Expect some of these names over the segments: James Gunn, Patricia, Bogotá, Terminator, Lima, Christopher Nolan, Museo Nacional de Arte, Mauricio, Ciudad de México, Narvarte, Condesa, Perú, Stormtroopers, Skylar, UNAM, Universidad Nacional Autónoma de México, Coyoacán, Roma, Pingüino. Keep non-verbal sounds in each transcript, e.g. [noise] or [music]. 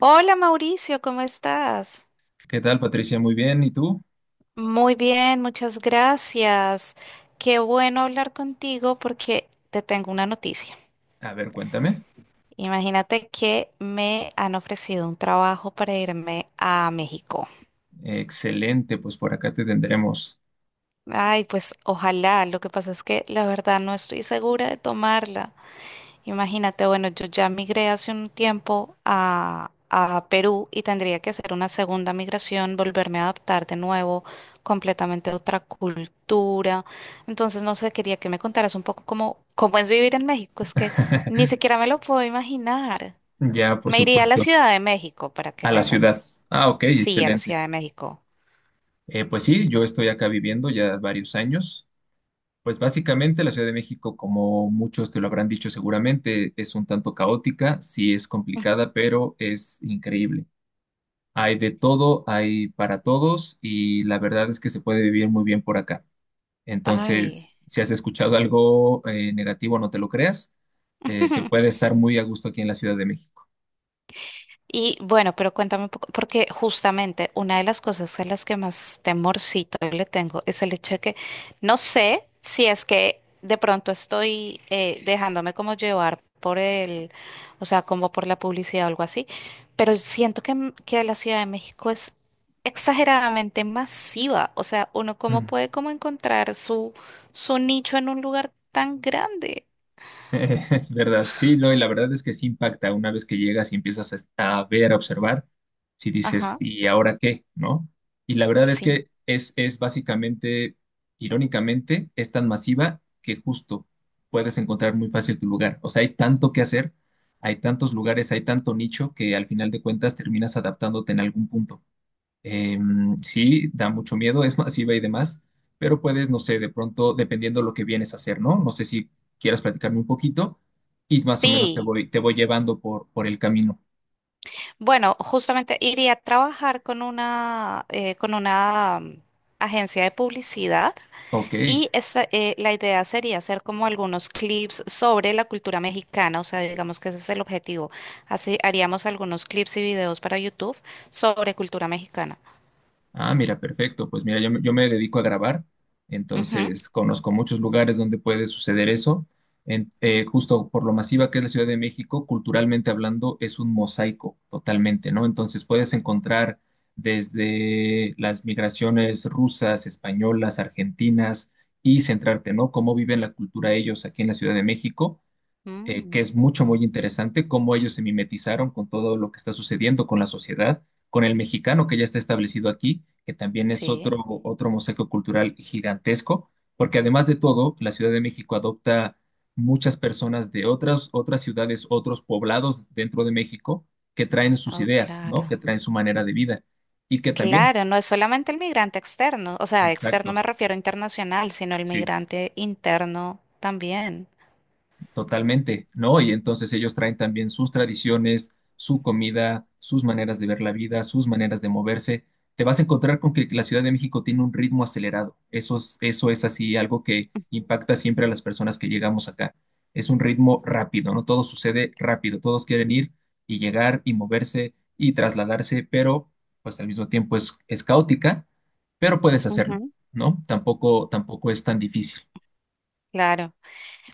Hola Mauricio, ¿cómo estás? ¿Qué tal, Patricia? Muy bien. ¿Y tú? Muy bien, muchas gracias. Qué bueno hablar contigo porque te tengo una noticia. A ver, cuéntame. Imagínate que me han ofrecido un trabajo para irme a México. Excelente, pues por acá te tendremos. Ay, pues ojalá. Lo que pasa es que la verdad no estoy segura de tomarla. Imagínate, bueno, yo ya migré hace un tiempo a Perú y tendría que hacer una segunda migración, volverme a adaptar de nuevo, completamente a otra cultura. Entonces, no sé, quería que me contaras un poco cómo, cómo es vivir en México. Es que ni [laughs] siquiera me lo puedo imaginar. Ya, por Me iría a la supuesto, Ciudad de México para que a la ciudad. tengas... Ah, ok, Sí, a la excelente. Ciudad de México. Pues sí, yo estoy acá viviendo ya varios años. Pues básicamente la Ciudad de México, como muchos te lo habrán dicho seguramente, es un tanto caótica, sí es complicada, pero es increíble. Hay de todo, hay para todos y la verdad es que se puede vivir muy bien por acá. Ay. Entonces, si has escuchado algo negativo, no te lo creas. Se puede [laughs] estar muy a gusto aquí en la Ciudad de México. Y bueno, pero cuéntame un poco, porque justamente una de las cosas a las que más temorcito le tengo es el hecho de que no sé si es que de pronto estoy dejándome como llevar por o sea, como por la publicidad o algo así, pero siento que la Ciudad de México es exageradamente masiva, o sea, uno cómo Mm. [laughs] puede como encontrar su nicho en un lugar tan grande. Es verdad, sí, no, y la verdad es que sí impacta una vez que llegas y empiezas a ver, a observar, si dices, Ajá, ¿y ahora qué? ¿No? Y la verdad es sí, que es básicamente, irónicamente, es tan masiva que justo puedes encontrar muy fácil tu lugar. O sea, hay tanto que hacer, hay tantos lugares, hay tanto nicho que al final de cuentas terminas adaptándote en algún punto. Eh, sí, da mucho miedo, es masiva y demás, pero puedes, no sé, de pronto, dependiendo lo que vienes a hacer, ¿no? No sé si quieras platicarme un poquito y más o menos te sí. voy, te voy llevando por el camino. Bueno, justamente iría a trabajar con una, con una agencia de publicidad Ok. y esa, la idea sería hacer como algunos clips sobre la cultura mexicana, o sea, digamos que ese es el objetivo. Así haríamos algunos clips y videos para YouTube sobre cultura mexicana. Ah, mira, perfecto. Pues mira, yo, yo me dedico a grabar, Ujú. entonces conozco muchos lugares donde puede suceder eso. Justo por lo masiva que es la Ciudad de México, culturalmente hablando, es un mosaico totalmente, ¿no? Entonces puedes encontrar desde las migraciones rusas, españolas, argentinas y centrarte, ¿no? Cómo viven la cultura ellos aquí en la Ciudad de México, que Mm, es mucho, muy interesante, cómo ellos se mimetizaron con todo lo que está sucediendo con la sociedad, con el mexicano que ya está establecido aquí, que también es sí, otro, otro mosaico cultural gigantesco, porque además de todo, la Ciudad de México adopta muchas personas de otras ciudades, otros poblados dentro de México, que traen sus oh, ideas, claro. ¿no? Que traen su manera de vida y que también, Claro, no es solamente el migrante externo, o sea, externo exacto, me refiero a internacional, sino el sí. migrante interno también. Totalmente, ¿no? Y entonces ellos traen también sus tradiciones, su comida, sus maneras de ver la vida, sus maneras de moverse. Te vas a encontrar con que la Ciudad de México tiene un ritmo acelerado. Eso es así, algo que impacta siempre a las personas que llegamos acá. Es un ritmo rápido, ¿no? Todo sucede rápido, todos quieren ir y llegar y moverse y trasladarse, pero pues al mismo tiempo es caótica, pero puedes hacerlo, Ujú. ¿no? Tampoco, tampoco es tan difícil. Claro.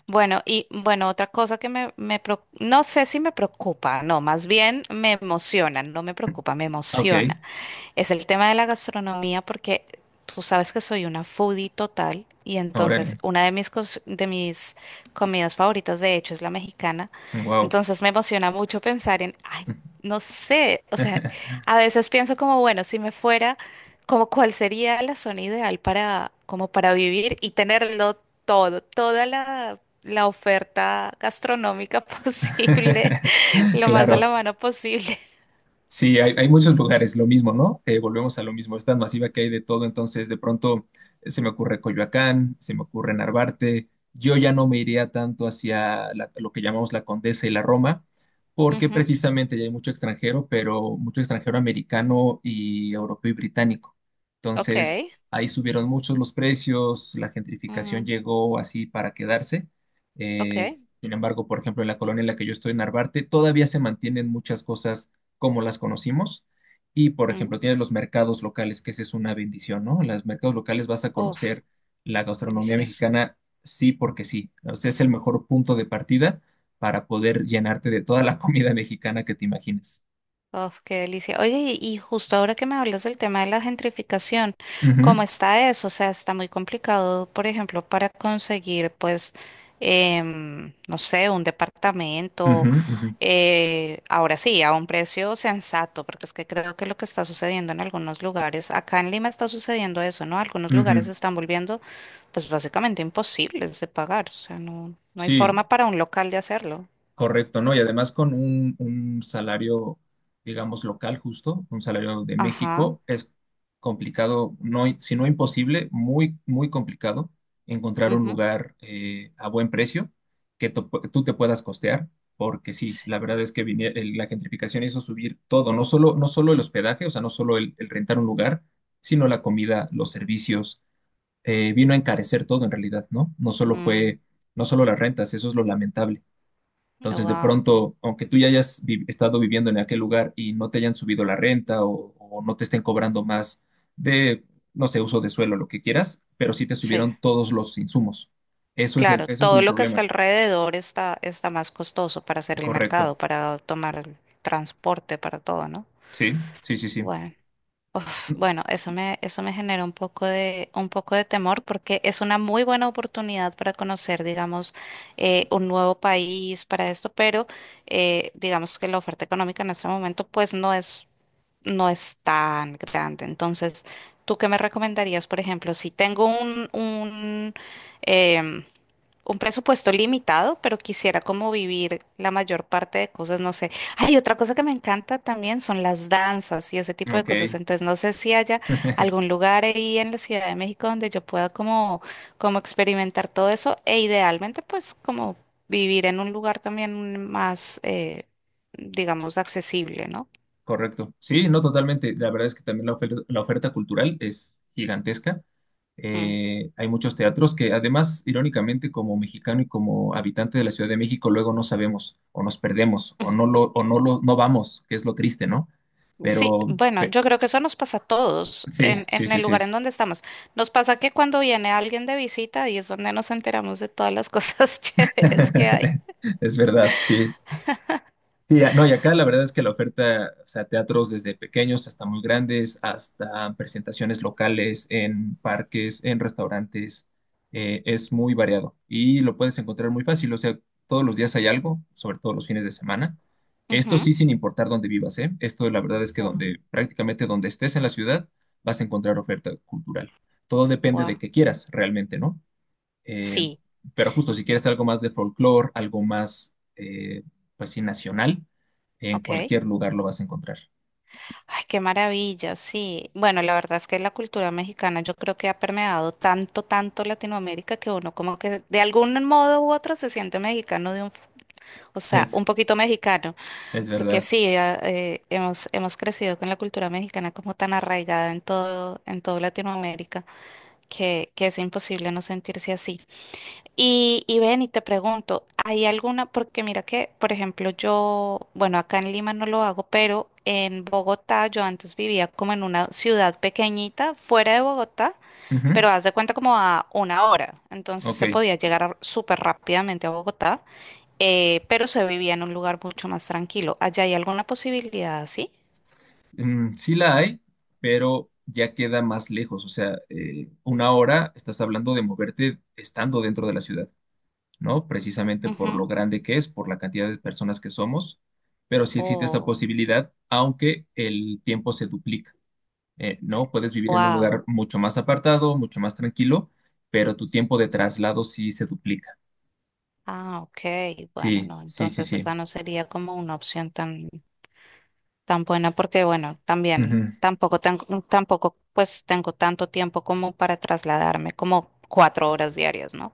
Bueno, y bueno, otra cosa que me preocu- no sé si me preocupa, no, más bien me emociona, no me preocupa, me Ok, emociona. Es el tema de la gastronomía porque tú sabes que soy una foodie total y entonces ahora, una de mis, cos- de mis comidas favoritas de hecho es la mexicana. wow. Entonces me emociona mucho pensar en, ay, no sé, o sea, a [laughs] veces pienso como, bueno, si me fuera, como cuál sería la zona ideal para, como para vivir y tenerlo todo, toda la la oferta gastronómica [laughs] posible, lo más a Claro. la mano posible. Sí, hay muchos lugares, lo mismo, ¿no? Volvemos a lo mismo, es tan masiva que hay de todo, entonces de pronto se me ocurre Coyoacán, se me ocurre Narvarte, yo ya no me iría tanto hacia lo que llamamos la Condesa y la Roma, [laughs] porque Ujú. precisamente ya hay mucho extranjero, pero mucho extranjero americano y europeo y británico. Ok. Entonces ahí subieron muchos los precios, la gentrificación Mm, llegó así para quedarse. ok. Eh, Sin embargo, por ejemplo, en la colonia en la que yo estoy, en Narvarte, todavía se mantienen muchas cosas como las conocimos. Y, por Mm. ejemplo, tienes los mercados locales, que esa es una bendición, ¿no? En los mercados locales vas a Uf, conocer la gastronomía delicioso. mexicana, sí, porque sí. O sea, es el mejor punto de partida para poder llenarte de toda la [laughs] comida mexicana que te imagines. Uf, qué delicia. Oye, y justo ahora que me hablas del tema de la gentrificación, Ujú, ¿cómo está eso? O sea, está muy complicado, por ejemplo, para conseguir, pues, no sé, un ujú, departamento, ujú, ahora sí, a un precio sensato, porque es que creo que lo que está sucediendo en algunos lugares, acá en Lima está sucediendo eso, ¿no? Algunos lugares ujú. se están volviendo, pues, básicamente imposibles de pagar. O sea, no, no hay Sí, forma para un local de hacerlo. correcto, ¿no? Y además con un salario, digamos, local justo, un salario de Ajá. México, es complicado, no, si no imposible, muy complicado encontrar un Ujú. lugar a buen precio que tú te puedas costear, porque sí, la Sí. verdad es que la gentrificación hizo subir todo, no solo el hospedaje, o sea, no solo el rentar un lugar, sino la comida, los servicios, vino a encarecer todo en realidad, ¿no? No solo Mm, fue, no solo las rentas, eso es lo lamentable. Entonces, de wow. pronto, aunque tú ya estado viviendo en aquel lugar y no te hayan subido la renta o no te estén cobrando más de, no sé, uso de suelo, lo que quieras, pero sí te Sí, subieron todos los insumos. Eso es claro, eso es todo el lo que está problema. alrededor está, está más costoso para hacer el Correcto. mercado, para tomar el transporte, para todo, ¿no? Sí, sí, sí, sí. Bueno, uf, bueno, eso me genera un poco de temor porque es una muy buena oportunidad para conocer, digamos, un nuevo país para esto, pero digamos que la oferta económica en este momento pues no es, no es tan grande. Entonces, ¿tú qué me recomendarías, por ejemplo, si tengo un em, un presupuesto limitado, pero quisiera como vivir la mayor parte de cosas, no sé. Hay otra cosa que me encanta también son las danzas y ese tipo de cosas. Ok. Entonces, no sé si haya [laughs] algún lugar ahí en la Ciudad de México donde yo pueda como, como experimentar todo eso e idealmente pues como vivir en un lugar también más, digamos, accesible, ¿no? Correcto. Sí, no totalmente. La verdad es que también la oferta cultural es gigantesca. Mm. Hay muchos teatros que además, irónicamente, como mexicano y como habitante de la Ciudad de México, luego no sabemos o nos perdemos o no lo, no vamos, que es lo triste, ¿no? Sí, Pero bueno, yo creo que eso nos pasa a todos sí, sí, en sí, el lugar sí. en donde estamos. Nos pasa que cuando viene alguien de visita y es donde nos enteramos de todas las cosas [laughs] chéveres que hay. [laughs] Es verdad, sí. Sí, no, y acá la verdad es que la oferta, o sea, teatros desde pequeños hasta muy grandes, hasta presentaciones locales en parques, en restaurantes, es muy variado y lo puedes encontrar muy fácil, o sea, todos los días hay algo, sobre todo los fines de semana. Esto Ujú. sí sin importar dónde vivas, ¿eh? Esto la verdad es que Wow, donde, prácticamente donde estés en la ciudad, vas a encontrar oferta cultural. Todo depende de wow. qué quieras realmente, ¿no? Eh, Sí, pero justo si quieres algo más de folclore, algo más, pues sí, nacional, en ok. cualquier lugar lo vas a encontrar. [laughs] Ay, qué maravilla, sí. Bueno, la verdad es que la cultura mexicana yo creo que ha permeado tanto, tanto Latinoamérica que uno como que de algún modo u otro se siente mexicano de un, f- o sea, Es, un poquito mexicano. es Porque verdad. sí, a- hemos, hemos crecido con la cultura mexicana como tan arraigada en todo Latinoamérica que es imposible no sentirse así. Y ven y te pregunto, ¿hay alguna? Porque mira que, por ejemplo, yo, bueno, acá en Lima no lo hago, pero en Bogotá yo antes vivía como en una ciudad pequeñita fuera de Bogotá, Ujú, pero haz de cuenta como a una hora. Entonces ok. se podía llegar a- súper rápidamente a Bogotá, pero se vivía en un lugar mucho más tranquilo. ¿Allá hay alguna posibilidad así? Mm, sí la hay, pero ya queda más lejos. O sea, una hora estás hablando de moverte estando dentro de la ciudad, ¿no? Precisamente por lo Ujú. grande que es, por la cantidad de personas que somos, pero sí existe esa Oh, posibilidad, aunque el tiempo se duplica. ¿No? Puedes vivir en un wow. lugar mucho más apartado, mucho más tranquilo, pero tu tiempo de traslado sí se duplica. Ah, ok. Bueno, Sí, no, sí, sí, entonces sí. esa no sería como una opción tan... tan buena porque, bueno, también Ujú, tampoco tengo, tampoco pues tengo tanto tiempo como para trasladarme, como 4 horas diarias, ¿no?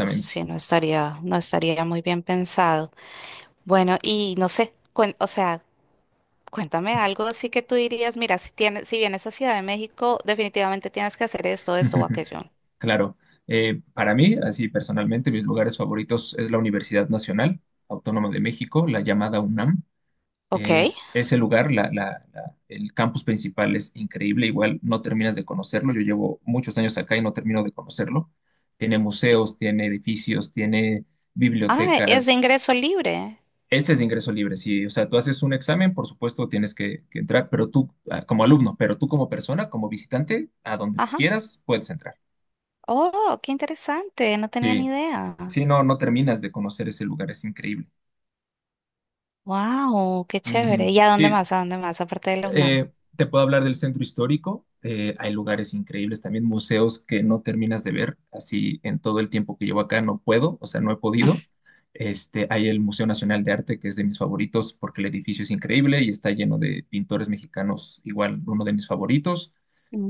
Eso sí, no estaría, no estaría muy bien pensado. Bueno, y no sé, cuen- o sea, cuéntame algo así que tú dirías, mira, si tienes, si vienes a Ciudad de México, definitivamente tienes que hacer esto, esto o [laughs] aquello. Claro. Para mí, así personalmente, mis lugares favoritos es la Universidad Nacional Autónoma de México, la llamada UNAM. Ok. Es ese lugar, el campus principal es increíble, igual no terminas de conocerlo. Yo llevo muchos años acá y no termino de conocerlo. Tiene museos, tiene edificios, tiene Ah, es de bibliotecas. ingreso libre. Ese es de ingreso libre, sí. O sea, tú haces un examen, por supuesto tienes que entrar, pero tú, ah, como alumno, pero tú como persona, como visitante, a donde Ajá. quieras, puedes entrar. Oh, qué interesante. No tenía ni Sí, idea. sí, no, no terminas de conocer ese lugar, es increíble. Wow, qué Ujú. chévere. ¿Y a dónde Sí, más? ¿A dónde más? Aparte de la UNAM. Eh, te puedo hablar del centro histórico. Hay lugares increíbles, también museos que no terminas de ver. Así en todo el tiempo que llevo acá no puedo, o sea, no he podido. Este, hay el Museo Nacional de Arte, que es de mis favoritos porque el edificio es increíble y está lleno de pintores mexicanos, igual uno de mis favoritos,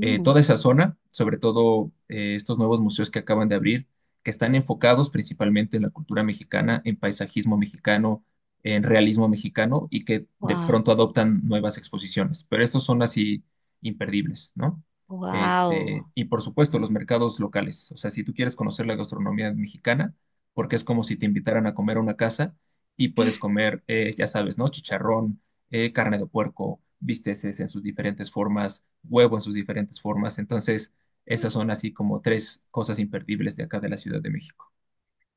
toda esa zona, sobre todo estos nuevos museos que acaban de abrir, que están enfocados principalmente en la cultura mexicana, en paisajismo mexicano, en realismo mexicano y que de wow, pronto adoptan nuevas exposiciones. Pero estos son así imperdibles, ¿no? Este, wow, y por supuesto, los mercados locales. O sea, si tú quieres conocer la gastronomía mexicana, porque es como si te invitaran a comer a una casa y puedes comer, ya sabes, ¿no? Chicharrón, carne de puerco, bisteces en sus diferentes formas, huevo en sus diferentes formas. Entonces, esas son así como tres cosas imperdibles de acá de la Ciudad de México.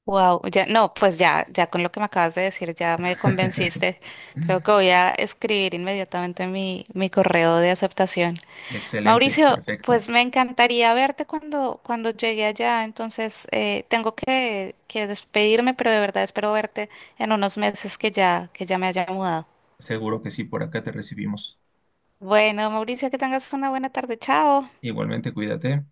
wow. Ya, no, pues ya, ya con lo que me acabas de decir, ya me [laughs] convenciste. Creo que voy a escribir inmediatamente mi, mi correo de aceptación. Excelente, Mauricio, perfecto. pues me encantaría verte cuando, cuando llegue allá. Entonces, tengo que despedirme, pero de verdad espero verte en unos meses que ya me haya mudado. Seguro que sí, por acá te recibimos. Bueno, Mauricio, que tengas una buena tarde. Chao. Igualmente, cuídate.